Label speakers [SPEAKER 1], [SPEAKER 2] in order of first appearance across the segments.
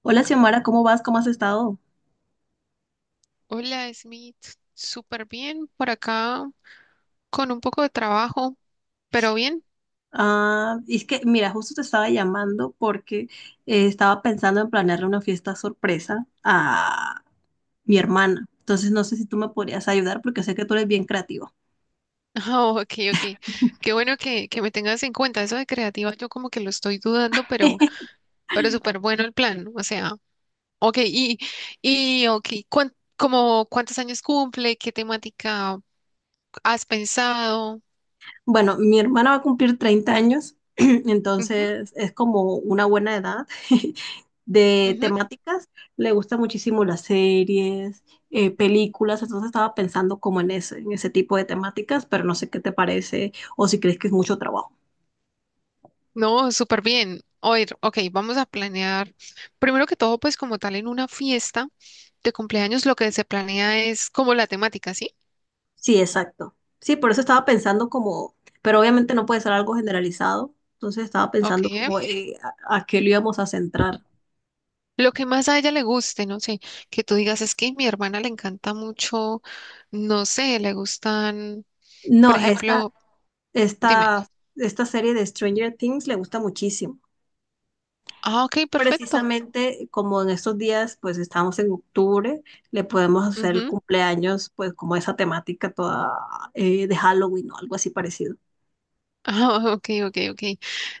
[SPEAKER 1] Hola, Xiomara, ¿cómo vas? ¿Cómo has estado?
[SPEAKER 2] Hola, Smith. Súper bien por acá, con un poco de trabajo, pero bien.
[SPEAKER 1] Ah, es que, mira, justo te estaba llamando porque estaba pensando en planearle una fiesta sorpresa a mi hermana. Entonces, no sé si tú me podrías ayudar porque sé que tú eres bien creativo.
[SPEAKER 2] Ah, ok, ok. Qué bueno que me tengas en cuenta. Eso de creativa, yo como que lo estoy dudando, pero súper bueno el plan. O sea, ok, y ok, ¿como cuántos años cumple? ¿Qué temática has pensado?
[SPEAKER 1] Bueno, mi hermana va a cumplir 30 años,
[SPEAKER 2] Ujú,
[SPEAKER 1] entonces es como una buena edad de
[SPEAKER 2] ujú.
[SPEAKER 1] temáticas. Le gustan muchísimo las series, películas, entonces estaba pensando como en ese tipo de temáticas, pero no sé qué te parece o si crees que es mucho trabajo.
[SPEAKER 2] No, súper bien. Oír, ok, vamos a planear. Primero que todo, pues como tal, en una fiesta de cumpleaños lo que se planea es como la temática, ¿sí?
[SPEAKER 1] Sí, exacto. Sí, por eso estaba pensando como, pero obviamente no puede ser algo generalizado, entonces estaba
[SPEAKER 2] Ok,
[SPEAKER 1] pensando como a qué lo íbamos a centrar.
[SPEAKER 2] Lo que más a ella le guste, no sé, que tú digas es que mi hermana le encanta mucho, no sé, le gustan, por
[SPEAKER 1] No,
[SPEAKER 2] ejemplo, dime,
[SPEAKER 1] esta, esta serie de Stranger Things le gusta muchísimo.
[SPEAKER 2] ah, ok, perfecto.
[SPEAKER 1] Precisamente como en estos días, pues estamos en octubre, le podemos hacer el
[SPEAKER 2] Ujú,
[SPEAKER 1] cumpleaños, pues como esa temática toda de Halloween o algo así parecido.
[SPEAKER 2] Ah, ok, ok, ok.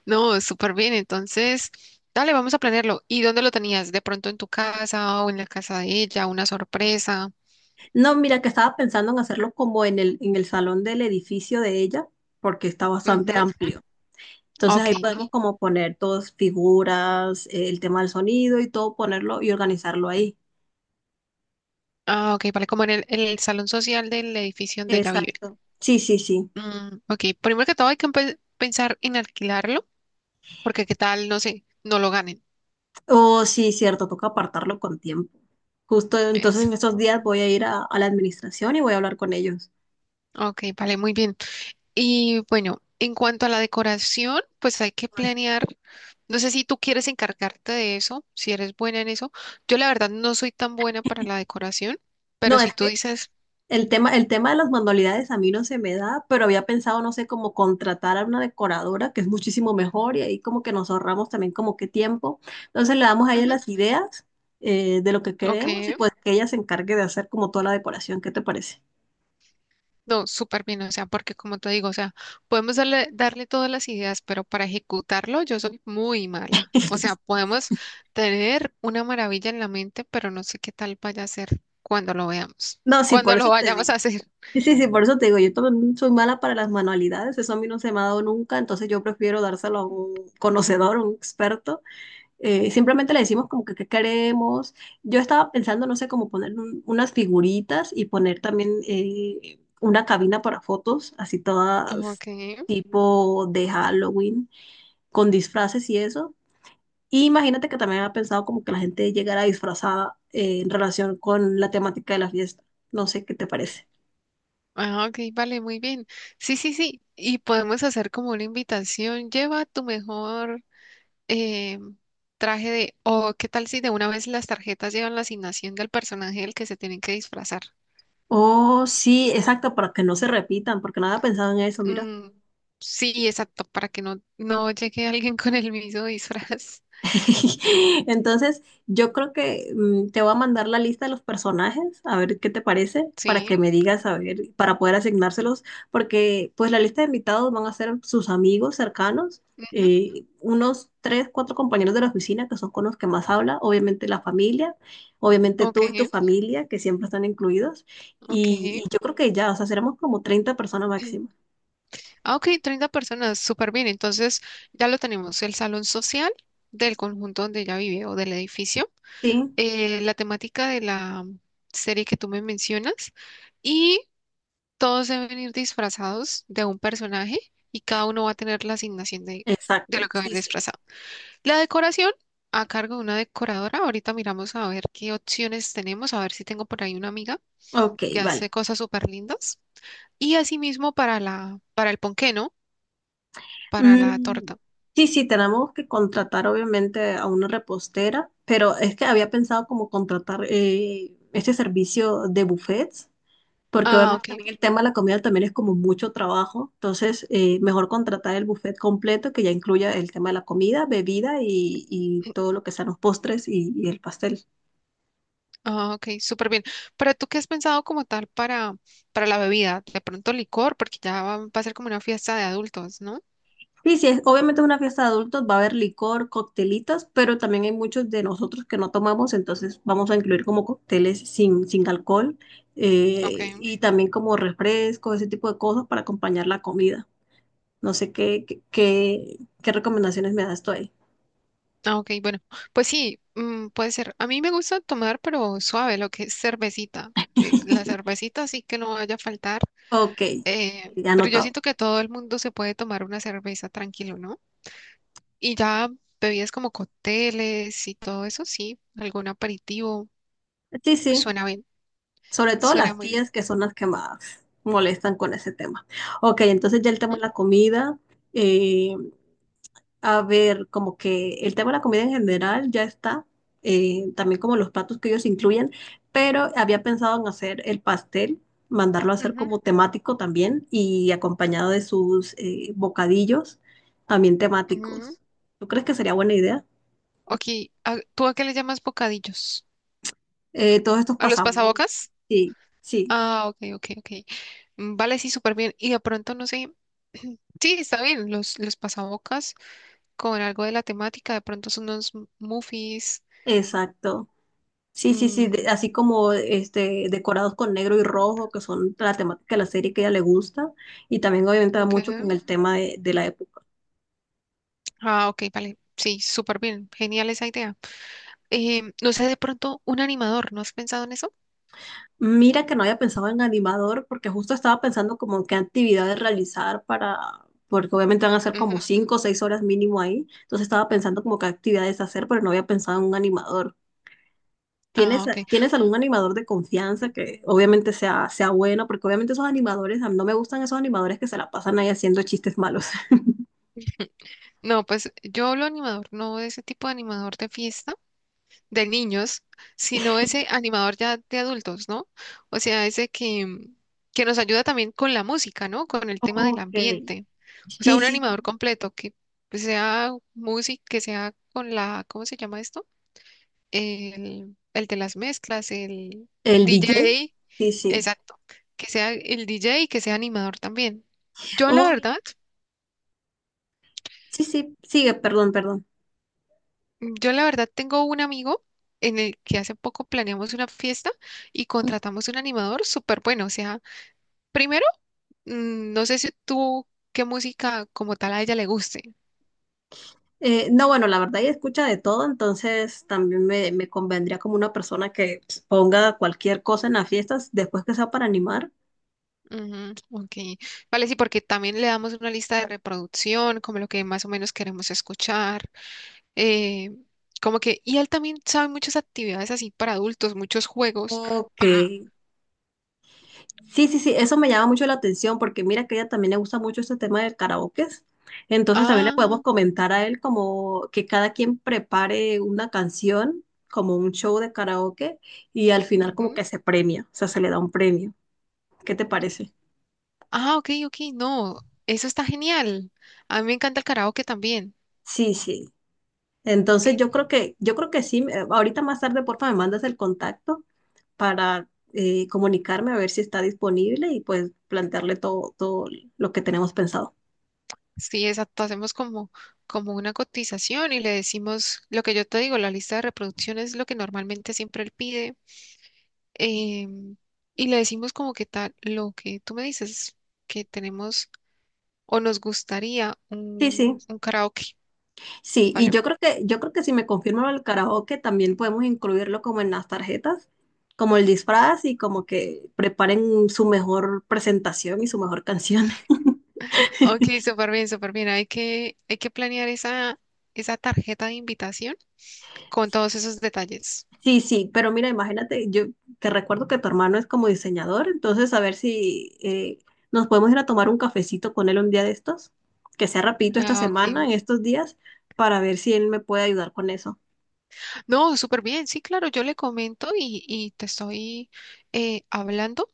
[SPEAKER 2] No, súper bien. Entonces, dale, vamos a planearlo. ¿Y dónde lo tenías? ¿De pronto en tu casa o en la casa de ella? ¿Una sorpresa?
[SPEAKER 1] No, mira que estaba pensando en hacerlo como en el salón del edificio de ella, porque está bastante
[SPEAKER 2] Ujú,
[SPEAKER 1] amplio. Entonces
[SPEAKER 2] ok,
[SPEAKER 1] ahí
[SPEAKER 2] ¿no?
[SPEAKER 1] podemos como poner todas figuras, el tema del sonido y todo, ponerlo y organizarlo ahí.
[SPEAKER 2] Ah, ok, vale, como en en el salón social del edificio donde ella vive.
[SPEAKER 1] Exacto. Sí, sí, sí.
[SPEAKER 2] Mm, ok, primero que todo hay que pensar en alquilarlo porque qué tal, no sé, no lo ganen.
[SPEAKER 1] Oh, sí, cierto, toca apartarlo con tiempo. Justo entonces en estos
[SPEAKER 2] Exacto.
[SPEAKER 1] días voy a ir a la administración y voy a hablar con ellos.
[SPEAKER 2] Ok, vale, muy bien. Y bueno, en cuanto a la decoración, pues hay que planear. No sé si tú quieres encargarte de eso, si eres buena en eso. Yo la verdad no soy tan buena para la decoración, pero
[SPEAKER 1] No,
[SPEAKER 2] si
[SPEAKER 1] es
[SPEAKER 2] tú
[SPEAKER 1] que
[SPEAKER 2] dices,
[SPEAKER 1] El tema, de las manualidades a mí no se me da, pero había pensado, no sé, como contratar a una decoradora, que es muchísimo mejor, y ahí como que nos ahorramos también como que tiempo. Entonces le damos a ella
[SPEAKER 2] "Ujú,
[SPEAKER 1] las ideas de lo que
[SPEAKER 2] ok.
[SPEAKER 1] queremos y pues que ella se encargue de hacer como toda la decoración. ¿Qué te parece?
[SPEAKER 2] No, súper bien, o sea, porque como te digo, o sea, podemos darle todas las ideas, pero para ejecutarlo yo soy muy mala. O sea, podemos tener una maravilla en la mente, pero no sé qué tal vaya a ser cuando lo veamos,
[SPEAKER 1] No, sí, por
[SPEAKER 2] cuando lo
[SPEAKER 1] eso te
[SPEAKER 2] vayamos a
[SPEAKER 1] digo.
[SPEAKER 2] hacer.
[SPEAKER 1] Sí, sí, sí, por eso te digo, yo también soy mala para las manualidades, eso a mí no se me ha dado nunca, entonces yo prefiero dárselo a un conocedor, a un experto. Simplemente le decimos como que qué queremos. Yo estaba pensando, no sé, como poner unas figuritas y poner también una cabina para fotos, así todas
[SPEAKER 2] Ok,
[SPEAKER 1] tipo de Halloween, con disfraces y eso. Y imagínate que también había pensado como que la gente llegara disfrazada en relación con la temática de la fiesta. No sé qué te parece.
[SPEAKER 2] ah, ok, vale, muy bien. Sí, sí, sí, y podemos hacer como una invitación, lleva tu mejor eh, traje de, o qué tal si de una vez las tarjetas llevan la asignación del personaje del que se tienen que disfrazar.
[SPEAKER 1] Oh, sí, exacto, para que no se repitan, porque no había pensado en eso, mira.
[SPEAKER 2] Mm, sí, exacto, para que no llegue alguien con el mismo disfraz.
[SPEAKER 1] Entonces, yo creo que te voy a mandar la lista de los personajes, a ver qué te parece, para
[SPEAKER 2] Sí.
[SPEAKER 1] que me digas, a ver, para poder asignárselos, porque pues la lista de invitados van a ser sus amigos cercanos,
[SPEAKER 2] Ujú,
[SPEAKER 1] unos tres, cuatro compañeros de la oficina que son con los que más habla, obviamente la familia, obviamente
[SPEAKER 2] ok,
[SPEAKER 1] tú y tu familia, que siempre están incluidos, y
[SPEAKER 2] ok.
[SPEAKER 1] yo creo que ya, o sea, seremos como 30 personas máximo.
[SPEAKER 2] Ah, ok, 30 personas, súper bien. Entonces ya lo tenemos, el salón social del conjunto donde ella vive o del edificio,
[SPEAKER 1] Sí,
[SPEAKER 2] la temática de la serie que tú me mencionas y todos deben ir disfrazados de un personaje y cada uno va a tener la asignación de
[SPEAKER 1] exacto,
[SPEAKER 2] lo que va a ir
[SPEAKER 1] sí, sí.
[SPEAKER 2] disfrazado. La decoración a cargo de una decoradora. Ahorita miramos a ver qué opciones tenemos, a ver si tengo por ahí una amiga
[SPEAKER 1] Ok,
[SPEAKER 2] que hace
[SPEAKER 1] vale.
[SPEAKER 2] cosas súper lindas. Y asimismo para para el ponqué, ¿no? Para la
[SPEAKER 1] Mm,
[SPEAKER 2] torta.
[SPEAKER 1] sí, sí, tenemos que contratar obviamente a una repostera, pero es que había pensado como contratar este servicio de buffets, porque
[SPEAKER 2] Ah,
[SPEAKER 1] obviamente
[SPEAKER 2] ok.
[SPEAKER 1] también el tema de la comida también es como mucho trabajo, entonces mejor contratar el buffet completo que ya incluya el tema de la comida, bebida y todo lo que sean los postres y el pastel.
[SPEAKER 2] Ah, ok, súper bien. Pero tú qué has pensado como tal para la bebida. De pronto licor, porque ya va a ser como una fiesta de adultos, ¿no?
[SPEAKER 1] Sí, sí, obviamente es una fiesta de adultos, va a haber licor, coctelitos, pero también hay muchos de nosotros que no tomamos, entonces vamos a incluir como cócteles sin alcohol
[SPEAKER 2] Ok.
[SPEAKER 1] y también como refrescos, ese tipo de cosas para acompañar la comida. No sé qué recomendaciones me das tú ahí.
[SPEAKER 2] Ah, ok, bueno. Pues sí, mm, puede ser. A mí me gusta tomar, pero suave, lo que es cervecita. La cervecita sí que no vaya a faltar.
[SPEAKER 1] Ok, ya
[SPEAKER 2] Pero yo
[SPEAKER 1] anotado.
[SPEAKER 2] siento que todo el mundo se puede tomar una cerveza tranquilo, ¿no? Y ya bebidas como cócteles y todo eso, sí, algún aperitivo,
[SPEAKER 1] Sí, sí,
[SPEAKER 2] suena bien,
[SPEAKER 1] sobre todo
[SPEAKER 2] suena
[SPEAKER 1] las
[SPEAKER 2] muy bien.
[SPEAKER 1] tías que son las que más molestan con ese tema. Ok, entonces ya el tema
[SPEAKER 2] Ujú,
[SPEAKER 1] de la comida. eh, A ver, como que el tema de la comida en general ya está, también como los platos que ellos incluyen, pero había pensado en hacer el pastel, mandarlo a hacer
[SPEAKER 2] ujú,
[SPEAKER 1] como temático también y acompañado de sus bocadillos también
[SPEAKER 2] ujú.
[SPEAKER 1] temáticos. ¿Tú crees que sería buena idea?
[SPEAKER 2] Ok, ¿tú a qué le llamas bocadillos?
[SPEAKER 1] Todos estos
[SPEAKER 2] ¿A los
[SPEAKER 1] pasabocas.
[SPEAKER 2] pasabocas?
[SPEAKER 1] Sí, sí,
[SPEAKER 2] Ah, ok, ok, ok. Mm, vale, sí, súper bien. Y de pronto, no sé, sí, está bien, los pasabocas con algo de la temática, de pronto son unos muffins.
[SPEAKER 1] exacto. Sí, sí, sí,
[SPEAKER 2] Mm,
[SPEAKER 1] así como este, decorados con negro y rojo, que son la temática de la serie que a ella le gusta, y también obviamente va
[SPEAKER 2] ok.
[SPEAKER 1] mucho con el tema de la época.
[SPEAKER 2] Ah, ok, vale. Sí, súper bien. Genial esa idea. No sé, de pronto un animador, ¿no has pensado en eso?
[SPEAKER 1] Mira que no había pensado en animador porque justo estaba pensando como en qué actividades realizar para, porque obviamente van a ser
[SPEAKER 2] Ujú.
[SPEAKER 1] como 5 o 6 horas mínimo ahí. Entonces estaba pensando como qué actividades hacer, pero no había pensado en un animador.
[SPEAKER 2] Ah, ok.
[SPEAKER 1] ¿Tienes algún animador de confianza que obviamente sea bueno? Porque obviamente esos animadores, a mí no me gustan esos animadores que se la pasan ahí haciendo chistes malos.
[SPEAKER 2] No, pues yo hablo animador, no de ese tipo de animador de fiesta, de niños, sino ese animador ya de adultos, ¿no? O sea, ese que, mm, que nos ayuda también con la música, ¿no? Con el tema del
[SPEAKER 1] Ok.
[SPEAKER 2] ambiente. O sea,
[SPEAKER 1] Sí,
[SPEAKER 2] un
[SPEAKER 1] sí,
[SPEAKER 2] animador
[SPEAKER 1] sí.
[SPEAKER 2] completo que sea música, que sea con la, ¿cómo se llama esto? El de las mezclas, el
[SPEAKER 1] ¿El DJ?
[SPEAKER 2] DJ,
[SPEAKER 1] Sí, sí.
[SPEAKER 2] exacto, que sea el DJ y que sea animador también. Yo la
[SPEAKER 1] Oh, mira.
[SPEAKER 2] verdad,
[SPEAKER 1] Sí, sí, sigue, perdón, perdón.
[SPEAKER 2] yo la verdad tengo un amigo en el que hace poco planeamos una fiesta y contratamos un animador súper bueno. O sea, primero, mm, no sé si tú qué música como tal a ella le guste.
[SPEAKER 1] No, bueno, la verdad ella escucha de todo, entonces también me convendría como una persona que pues, ponga cualquier cosa en las fiestas después que sea para animar.
[SPEAKER 2] Ujú, ok, vale, sí, porque también le damos una lista de reproducción, como lo que más o menos queremos escuchar. eh, Como que, y él también sabe muchas actividades así para adultos, muchos juegos para...
[SPEAKER 1] O Sí, sí, sí, eso me llama mucho la atención porque mira que a ella también le gusta mucho este tema del karaoke. Entonces también le
[SPEAKER 2] Ah,
[SPEAKER 1] podemos comentar a él como que cada quien prepare una canción, como un show de karaoke, y al final como
[SPEAKER 2] ujú.
[SPEAKER 1] que se premia, o sea, se le da un premio. ¿Qué te parece?
[SPEAKER 2] Ah, ok, ok, no, eso está genial. A mí me encanta el karaoke también.
[SPEAKER 1] Sí, sí.
[SPEAKER 2] Eh,
[SPEAKER 1] Entonces yo creo que sí, ahorita más tarde, porfa, me mandas el contacto para comunicarme a ver si está disponible y pues plantearle todo, todo lo que tenemos pensado.
[SPEAKER 2] sí, exacto, hacemos como, como una cotización y le decimos lo que yo te digo, la lista de reproducción es lo que normalmente siempre él pide. em, y le decimos como que tal, lo que tú me dices, que tenemos o nos gustaría
[SPEAKER 1] Sí, sí,
[SPEAKER 2] un karaoke,
[SPEAKER 1] sí, y
[SPEAKER 2] ¿vale?
[SPEAKER 1] yo creo que si me confirman el karaoke, también podemos incluirlo como en las tarjetas, como el disfraz y como que preparen su mejor presentación y su mejor canción.
[SPEAKER 2] Ok, súper bien, súper bien. Hay que planear esa, esa tarjeta de invitación con todos esos detalles.
[SPEAKER 1] Sí, sí, pero mira, imagínate, yo te recuerdo que tu hermano es como diseñador, entonces a ver si nos podemos ir a tomar un cafecito con él un día de estos, que sea rapidito esta
[SPEAKER 2] Ah,
[SPEAKER 1] semana, en
[SPEAKER 2] ok.
[SPEAKER 1] estos días, para ver si él me puede ayudar con eso.
[SPEAKER 2] No, súper bien. Sí, claro, yo le comento y te estoy hablando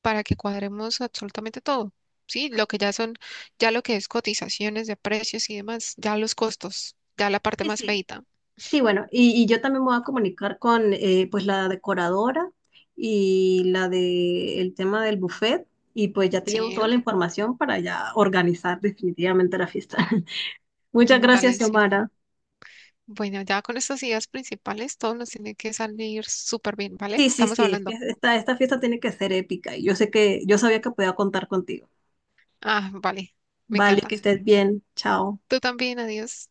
[SPEAKER 2] para que cuadremos absolutamente todo. Sí, lo que ya son, ya lo que es cotizaciones de precios y demás, ya los costos, ya la parte
[SPEAKER 1] Sí,
[SPEAKER 2] más
[SPEAKER 1] sí.
[SPEAKER 2] feita.
[SPEAKER 1] Sí, bueno, y yo también me voy a comunicar con pues la decoradora y la de el tema del buffet, y pues ya te llevo
[SPEAKER 2] Sí,
[SPEAKER 1] toda la información para ya organizar definitivamente la fiesta. Muchas
[SPEAKER 2] mm,
[SPEAKER 1] gracias,
[SPEAKER 2] vale, sí.
[SPEAKER 1] Xiomara.
[SPEAKER 2] Bueno, ya con estas ideas principales, todo nos tiene que salir súper bien, ¿vale?
[SPEAKER 1] Sí, sí,
[SPEAKER 2] Estamos
[SPEAKER 1] sí, es que
[SPEAKER 2] hablando.
[SPEAKER 1] esta fiesta tiene que ser épica y yo sé que yo sabía que podía contar contigo.
[SPEAKER 2] Ah, vale, me
[SPEAKER 1] Vale, que
[SPEAKER 2] encanta.
[SPEAKER 1] estés bien, chao.
[SPEAKER 2] Tú también, adiós.